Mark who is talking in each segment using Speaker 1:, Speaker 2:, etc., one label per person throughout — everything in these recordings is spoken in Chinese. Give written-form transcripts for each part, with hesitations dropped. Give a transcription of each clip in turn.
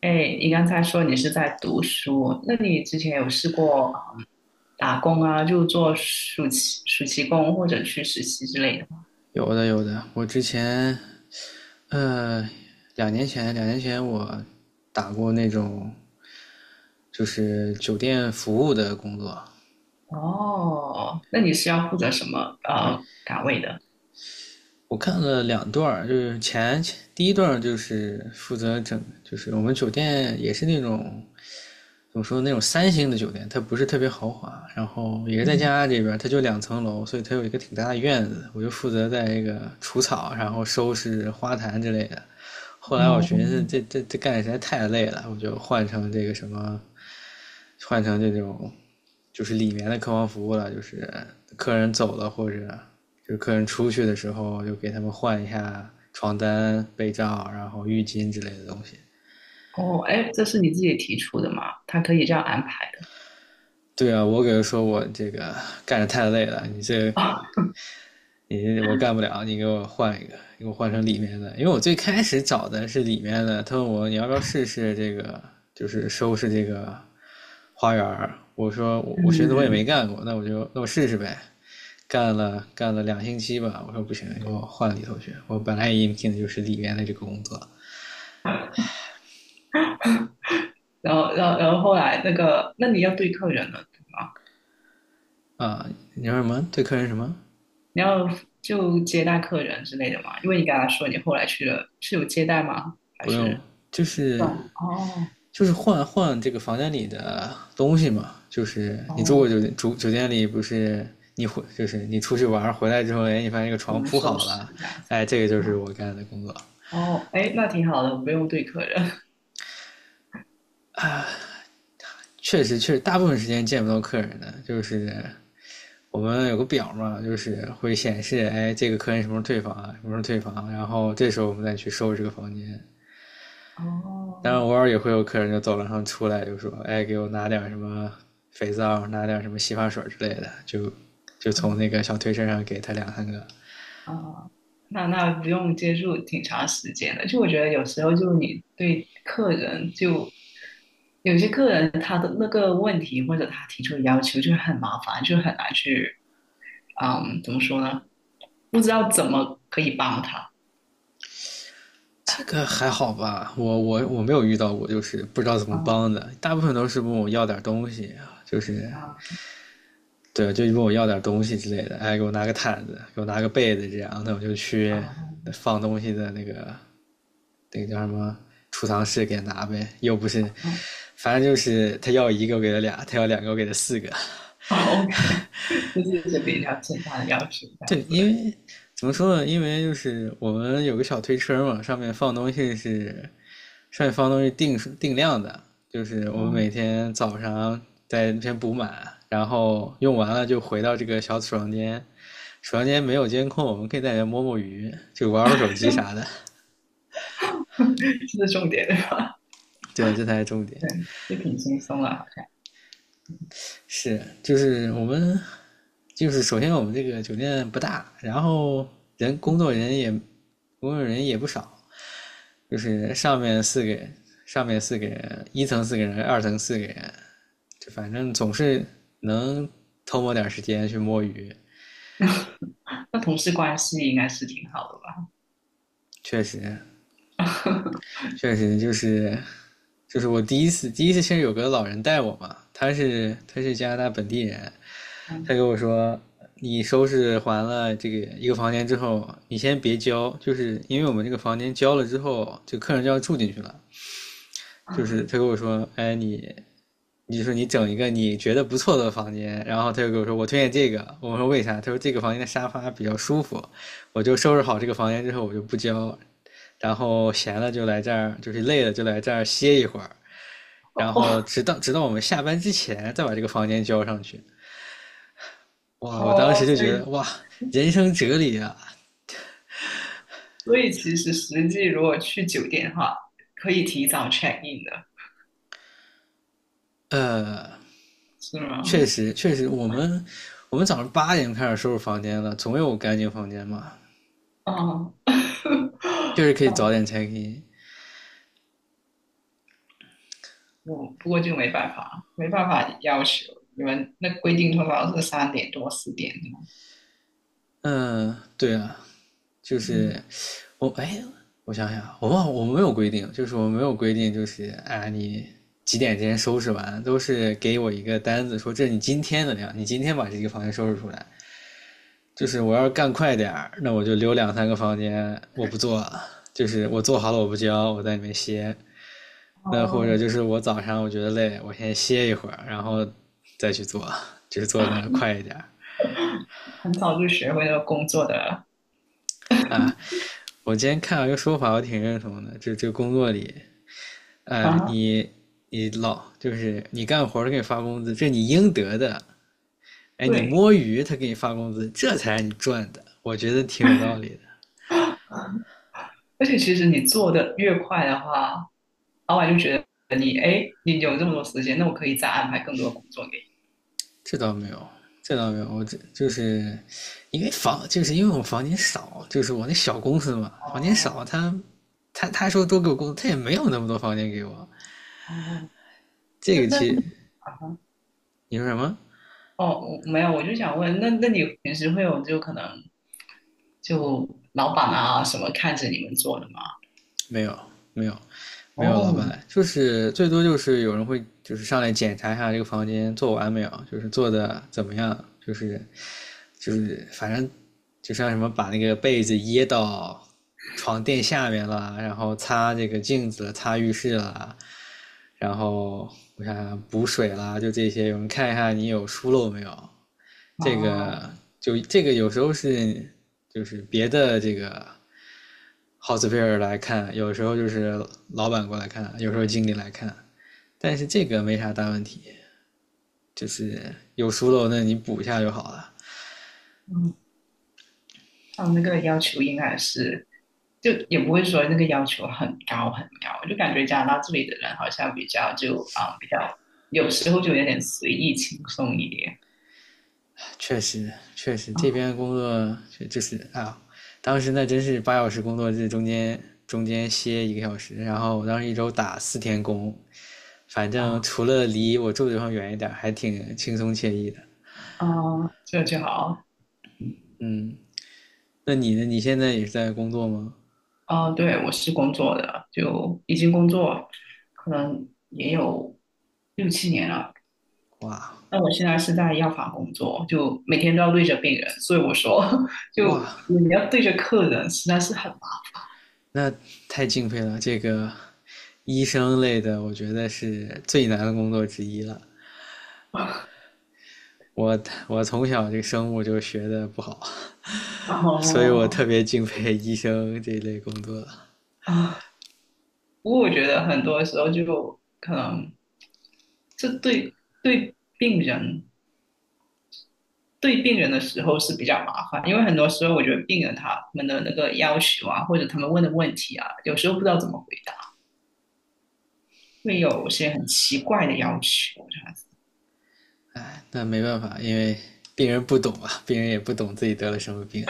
Speaker 1: 哎，你刚才说你是在读书，那你之前有试过嗯打工啊，就做暑期工或者去实习之类的吗？
Speaker 2: 有的有的，我之前呃两年前我打过那种就是酒店服务的工作，
Speaker 1: 哦，那你是要负责什么岗位的？
Speaker 2: 我看了2段就是第一段就是负责就是我们酒店也是那种怎么说那种3星的酒店，它不是特别豪华，然后也是在加
Speaker 1: 嗯。
Speaker 2: 拿大这边，它就2层楼，所以它有一个挺大的院子，我就负责在这个除草，然后收拾花坛之类的。后来我
Speaker 1: 哦
Speaker 2: 寻思这干的实在太累了，我就换成这种就是里面的客房服务了，就是客人走了或者就是客人出去的时候，就给他们换一下床单、被罩，然后浴巾之类的东西。
Speaker 1: 哦，哎，这是你自己提出的吗？他可以这样安排的
Speaker 2: 对啊，我给他说我这个干着太累了，
Speaker 1: 啊。
Speaker 2: 你我干不了，你给我换一个，你给我换成里面的，因为我最开始找的是里面的，他问我你要不要试试这个，就是收拾这个花园。我说我 我寻思我也
Speaker 1: 嗯。
Speaker 2: 没干过，那我就试试呗，干了2星期吧，我说不行，给我换里头去，我本来也应聘的就是里面的这个工作
Speaker 1: 然后后来那个，那你要对客人了，对吗？
Speaker 2: 啊，你说什么对客人什么？
Speaker 1: 你要就接待客人之类的吗？因为你刚才说你后来去了，是有接待吗？还
Speaker 2: 不用，
Speaker 1: 是？
Speaker 2: 就
Speaker 1: 对，
Speaker 2: 是
Speaker 1: 哦。
Speaker 2: 就是换换这个房间里的东西嘛，就是你住过酒
Speaker 1: 哦，
Speaker 2: 店，住酒店里不是就是你出去玩回来之后，哎，你发现这个
Speaker 1: 我
Speaker 2: 床
Speaker 1: 们
Speaker 2: 铺
Speaker 1: 收
Speaker 2: 好
Speaker 1: 拾
Speaker 2: 了，
Speaker 1: 这样子。
Speaker 2: 哎，这个就是
Speaker 1: 啊。
Speaker 2: 我干的工作。
Speaker 1: 哦，哎，那挺好的，我不用对客人。
Speaker 2: 确实，确实大部分时间见不到客人的，就是我们有个表嘛，就是会显示，哎，这个客人什么时候退房啊，什么时候退房啊，然后这时候我们再去收拾这个房间。当然偶
Speaker 1: 哦，
Speaker 2: 尔也会有客人就走廊上出来就说：“哎，给我拿点什么肥皂，拿点什么洗发水之类的。就”就从
Speaker 1: 嗯。
Speaker 2: 那个小推车上给他两三个。
Speaker 1: 啊，那那不用接触挺长时间的。就我觉得有时候就你对客人就有些客人他的那个问题或者他提出的要求就很麻烦，就很难去，嗯，怎么说呢？不知道怎么可以帮他。
Speaker 2: 这个还好吧，我没有遇到过，就是不知道怎么
Speaker 1: 啊。
Speaker 2: 帮的，大部分都是问我要点东西啊，就是
Speaker 1: 啊
Speaker 2: 对，就问我要点东西之类的，哎，给我拿个毯子，给我拿个被子，这样，那我就去
Speaker 1: 啊
Speaker 2: 放东西的那个叫什么储藏室给他拿呗，又不是，
Speaker 1: 啊
Speaker 2: 反正就是他要一个我给他俩，他要两个我给他四个。
Speaker 1: 啊 OK。 就是一些比较简单的要求这样
Speaker 2: 对，因
Speaker 1: 子。
Speaker 2: 为怎么说呢？因为就是我们有个小推车嘛，上面放东西定量的，就是我们
Speaker 1: 嗯。
Speaker 2: 每天早上在那边补满，然后用完了就回到这个小储藏间。房间没有监控，我们可以在里面摸摸鱼，就玩会手机啥的。
Speaker 1: 这是重点对吧？
Speaker 2: 对啊，这才是重点。
Speaker 1: 对，也挺轻松的，好像。
Speaker 2: 是，就是我们，就是首先我们这个酒店不大，然后人工 作人也工作人也不少，就是上面四个人，一层四个人，二层四个人，就反正总是能偷摸点时间去摸鱼。
Speaker 1: 那同事关系应该是挺好的
Speaker 2: 确实，
Speaker 1: 吧？
Speaker 2: 确实就是我第一次其实有个老人带我嘛，他是加拿大本地人，他
Speaker 1: 嗯。
Speaker 2: 跟我说，你收拾完了这个一个房间之后，你先别交，就是因为我们这个房间交了之后，这客人就要住进去了。就是他跟我说，哎，你，你说你整一个你觉得不错的房间，然后他就跟我说，我推荐这个。我说为啥？他说这个房间的沙发比较舒服。我就收拾好这个房间之后，我就不交，然后闲了就来这儿，就是累了就来这儿歇一会儿，然后
Speaker 1: 哦。
Speaker 2: 直到我们下班之前再把这个房间交上去。哇，我当
Speaker 1: 哦，
Speaker 2: 时就
Speaker 1: 所
Speaker 2: 觉
Speaker 1: 以
Speaker 2: 得哇，人生哲理啊。
Speaker 1: 其实实际如果去酒店的话，可以提早 check in 的，
Speaker 2: 呃，
Speaker 1: 是
Speaker 2: 确
Speaker 1: 吗？
Speaker 2: 实确实，我们早上8点开始收拾房间了，总有干净房间嘛，
Speaker 1: 哦，
Speaker 2: 就是 可以早
Speaker 1: 但
Speaker 2: 点拆 h e。
Speaker 1: 我不过就没办法，没办法要求你们那规定通常是三点多四点这样子。
Speaker 2: 嗯，对啊，就是
Speaker 1: 嗯，
Speaker 2: 我哎，我想想，我忘了我没有规定，就是我没有规定，就是啊你。几点之前收拾完，都是给我一个单子，说这是你今天的量，你今天把这个房间收拾出来，就是我要是干快点儿，那我就留两三个房间，我不做，就是我做好了我不交，我在里面歇。那或者
Speaker 1: 哦。
Speaker 2: 就是我早上我觉得累，我先歇一会儿，然后再去做，就是做的快一点儿
Speaker 1: 很早就学会了工作的
Speaker 2: 啊。我今天看到一个说法，我挺认同的，就这工作里，呃，
Speaker 1: 啊，
Speaker 2: 你你老就是你干活他给你发工资，这是你应得的。哎，你
Speaker 1: 对。
Speaker 2: 摸鱼他给你发工资，这才是你赚的。我觉得挺有道理的。
Speaker 1: 而且其实你做的越快的话，老板就觉得你，哎，你有这么多时间，那我可以再安排更多的工作给你。
Speaker 2: 这倒没有，这倒没有，我这就是因为就是因为我房间少，就是我那小公司嘛，房间少，
Speaker 1: 哦。
Speaker 2: 他说多给我工作，他也没有那么多房间给我。
Speaker 1: 哦，
Speaker 2: 这
Speaker 1: 那
Speaker 2: 个
Speaker 1: 那
Speaker 2: 其
Speaker 1: 啊，
Speaker 2: 你说什么？
Speaker 1: 哦，我没有，我就想问，那那你平时会有就可能就老板啊什么看着你们做的吗？
Speaker 2: 没有，没有，没有老板
Speaker 1: 哦。
Speaker 2: 来，就是最多就是有人会就是上来检查一下这个房间做完没有，就是做的怎么样，就是就是反正就像什么把那个被子掖到床垫下面了，然后擦这个镜子了擦浴室了，然后我想想补水啦，就这些，有人看一下你有疏漏没有，这
Speaker 1: 啊。
Speaker 2: 个就这个有时候是就是别的这个。Hotspur 来看，有时候就是老板过来看，有时候经理来看，但是这个没啥大问题，就是有疏漏那你补一下就好了。
Speaker 1: 嗯，他们那个要求应该是，就也不会说那个要求很高很高，就感觉加拿大这里的人好像比较就啊、比较有时候就有点随意轻松一点。
Speaker 2: 确实，确实这
Speaker 1: 啊。
Speaker 2: 边工作就是啊，当时那真是8小时工作制，中间歇1个小时，然后我当时1周打4天工，反正
Speaker 1: 啊。
Speaker 2: 除了离我住的地方远一点，还挺轻松惬意的。
Speaker 1: 嗯，这就好。
Speaker 2: 嗯，那你呢？你现在也是在工作吗？
Speaker 1: 哦，对，我是工作的，就已经工作，可能也有6 7 年了。
Speaker 2: 哇
Speaker 1: 那我现在是在药房工作，就每天都要对着病人，所以我说，就
Speaker 2: 哇！
Speaker 1: 你要对着客人，实在是很
Speaker 2: 那太敬佩了，这个医生类的，我觉得是最难的工作之一了。
Speaker 1: 忙。
Speaker 2: 我我从小这个生物就学的不好，
Speaker 1: 然
Speaker 2: 所以我
Speaker 1: 后
Speaker 2: 特别敬佩医生这一类工作。
Speaker 1: 啊，不过我觉得很多时候就可能是对对病人对病人的时候是比较麻烦，因为很多时候我觉得病人他们的那个要求啊，或者他们问的问题啊，有时候不知道怎么回答，会有些很奇怪的要求这样子。
Speaker 2: 哎，那没办法，因为病人不懂啊，病人也不懂自己得了什么病。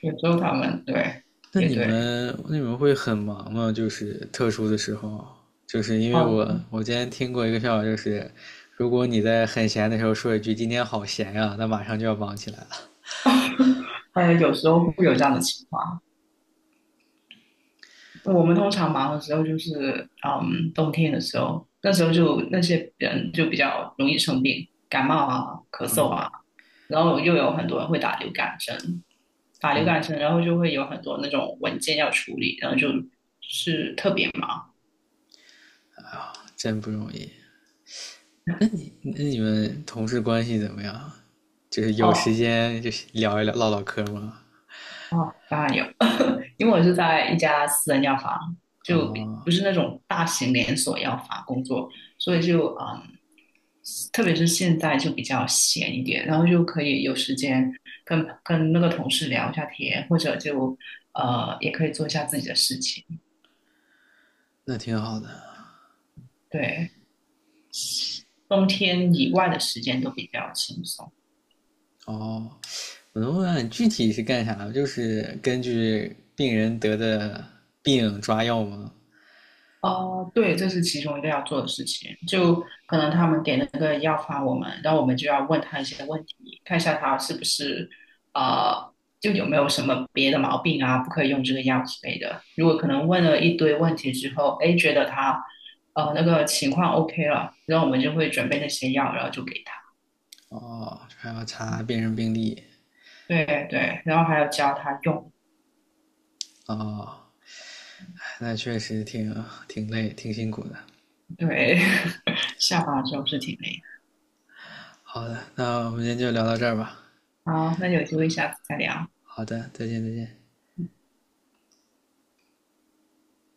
Speaker 1: 有时候他们对
Speaker 2: 那
Speaker 1: 也
Speaker 2: 你
Speaker 1: 对。
Speaker 2: 们那你们会很忙吗？就是特殊的时候，就是因为
Speaker 1: 哦，
Speaker 2: 我今天听过一个笑话，就是如果你在很闲的时候说一句“今天好闲呀、那马上就要忙起来了，
Speaker 1: 呃，有时候会有这样的情况。我们通常忙的时候就是嗯，冬天的时候，那时候就那些人就比较容易生病，感冒啊、咳嗽啊，然后又有很多人会打流感针，法律改成，然后就会有很多那种文件要处理，然后就是特别忙。
Speaker 2: 真不容易。那你们同事关系怎么样啊？就是有时
Speaker 1: 哦。
Speaker 2: 间就是聊一聊唠唠嗑吗？
Speaker 1: 哦，当然有，因为我是在一家私人药房，就
Speaker 2: 哦，
Speaker 1: 不是那种大型连锁药房工作，所以就嗯，特别是现在就比较闲一点，然后就可以有时间跟那个同事聊一下天，或者就也可以做一下自己的事情。
Speaker 2: 那挺好的。
Speaker 1: 对，冬天以外的时间都比较轻松。
Speaker 2: 哦，我能问问你具体是干啥？就是根据病人得的病抓药吗？
Speaker 1: 哦，对，这是其中一个要做的事情。就可能他们给那个药方我们，然后我们就要问他一些问题，看一下他是不是呃，就有没有什么别的毛病啊，不可以用这个药之类的。如果可能问了一堆问题之后，哎，觉得他那个情况 OK 了，然后我们就会准备那些药，然后就给他。
Speaker 2: 哦，还要查病人病历。
Speaker 1: 对。对，然后还要教他用。
Speaker 2: 哦，哎那确实挺累，挺辛苦的。
Speaker 1: 对，下班之后是挺累的。
Speaker 2: 好的，那我们今天就聊到这儿吧。
Speaker 1: 好，那有机会下次再聊。
Speaker 2: 好的，再见，再见。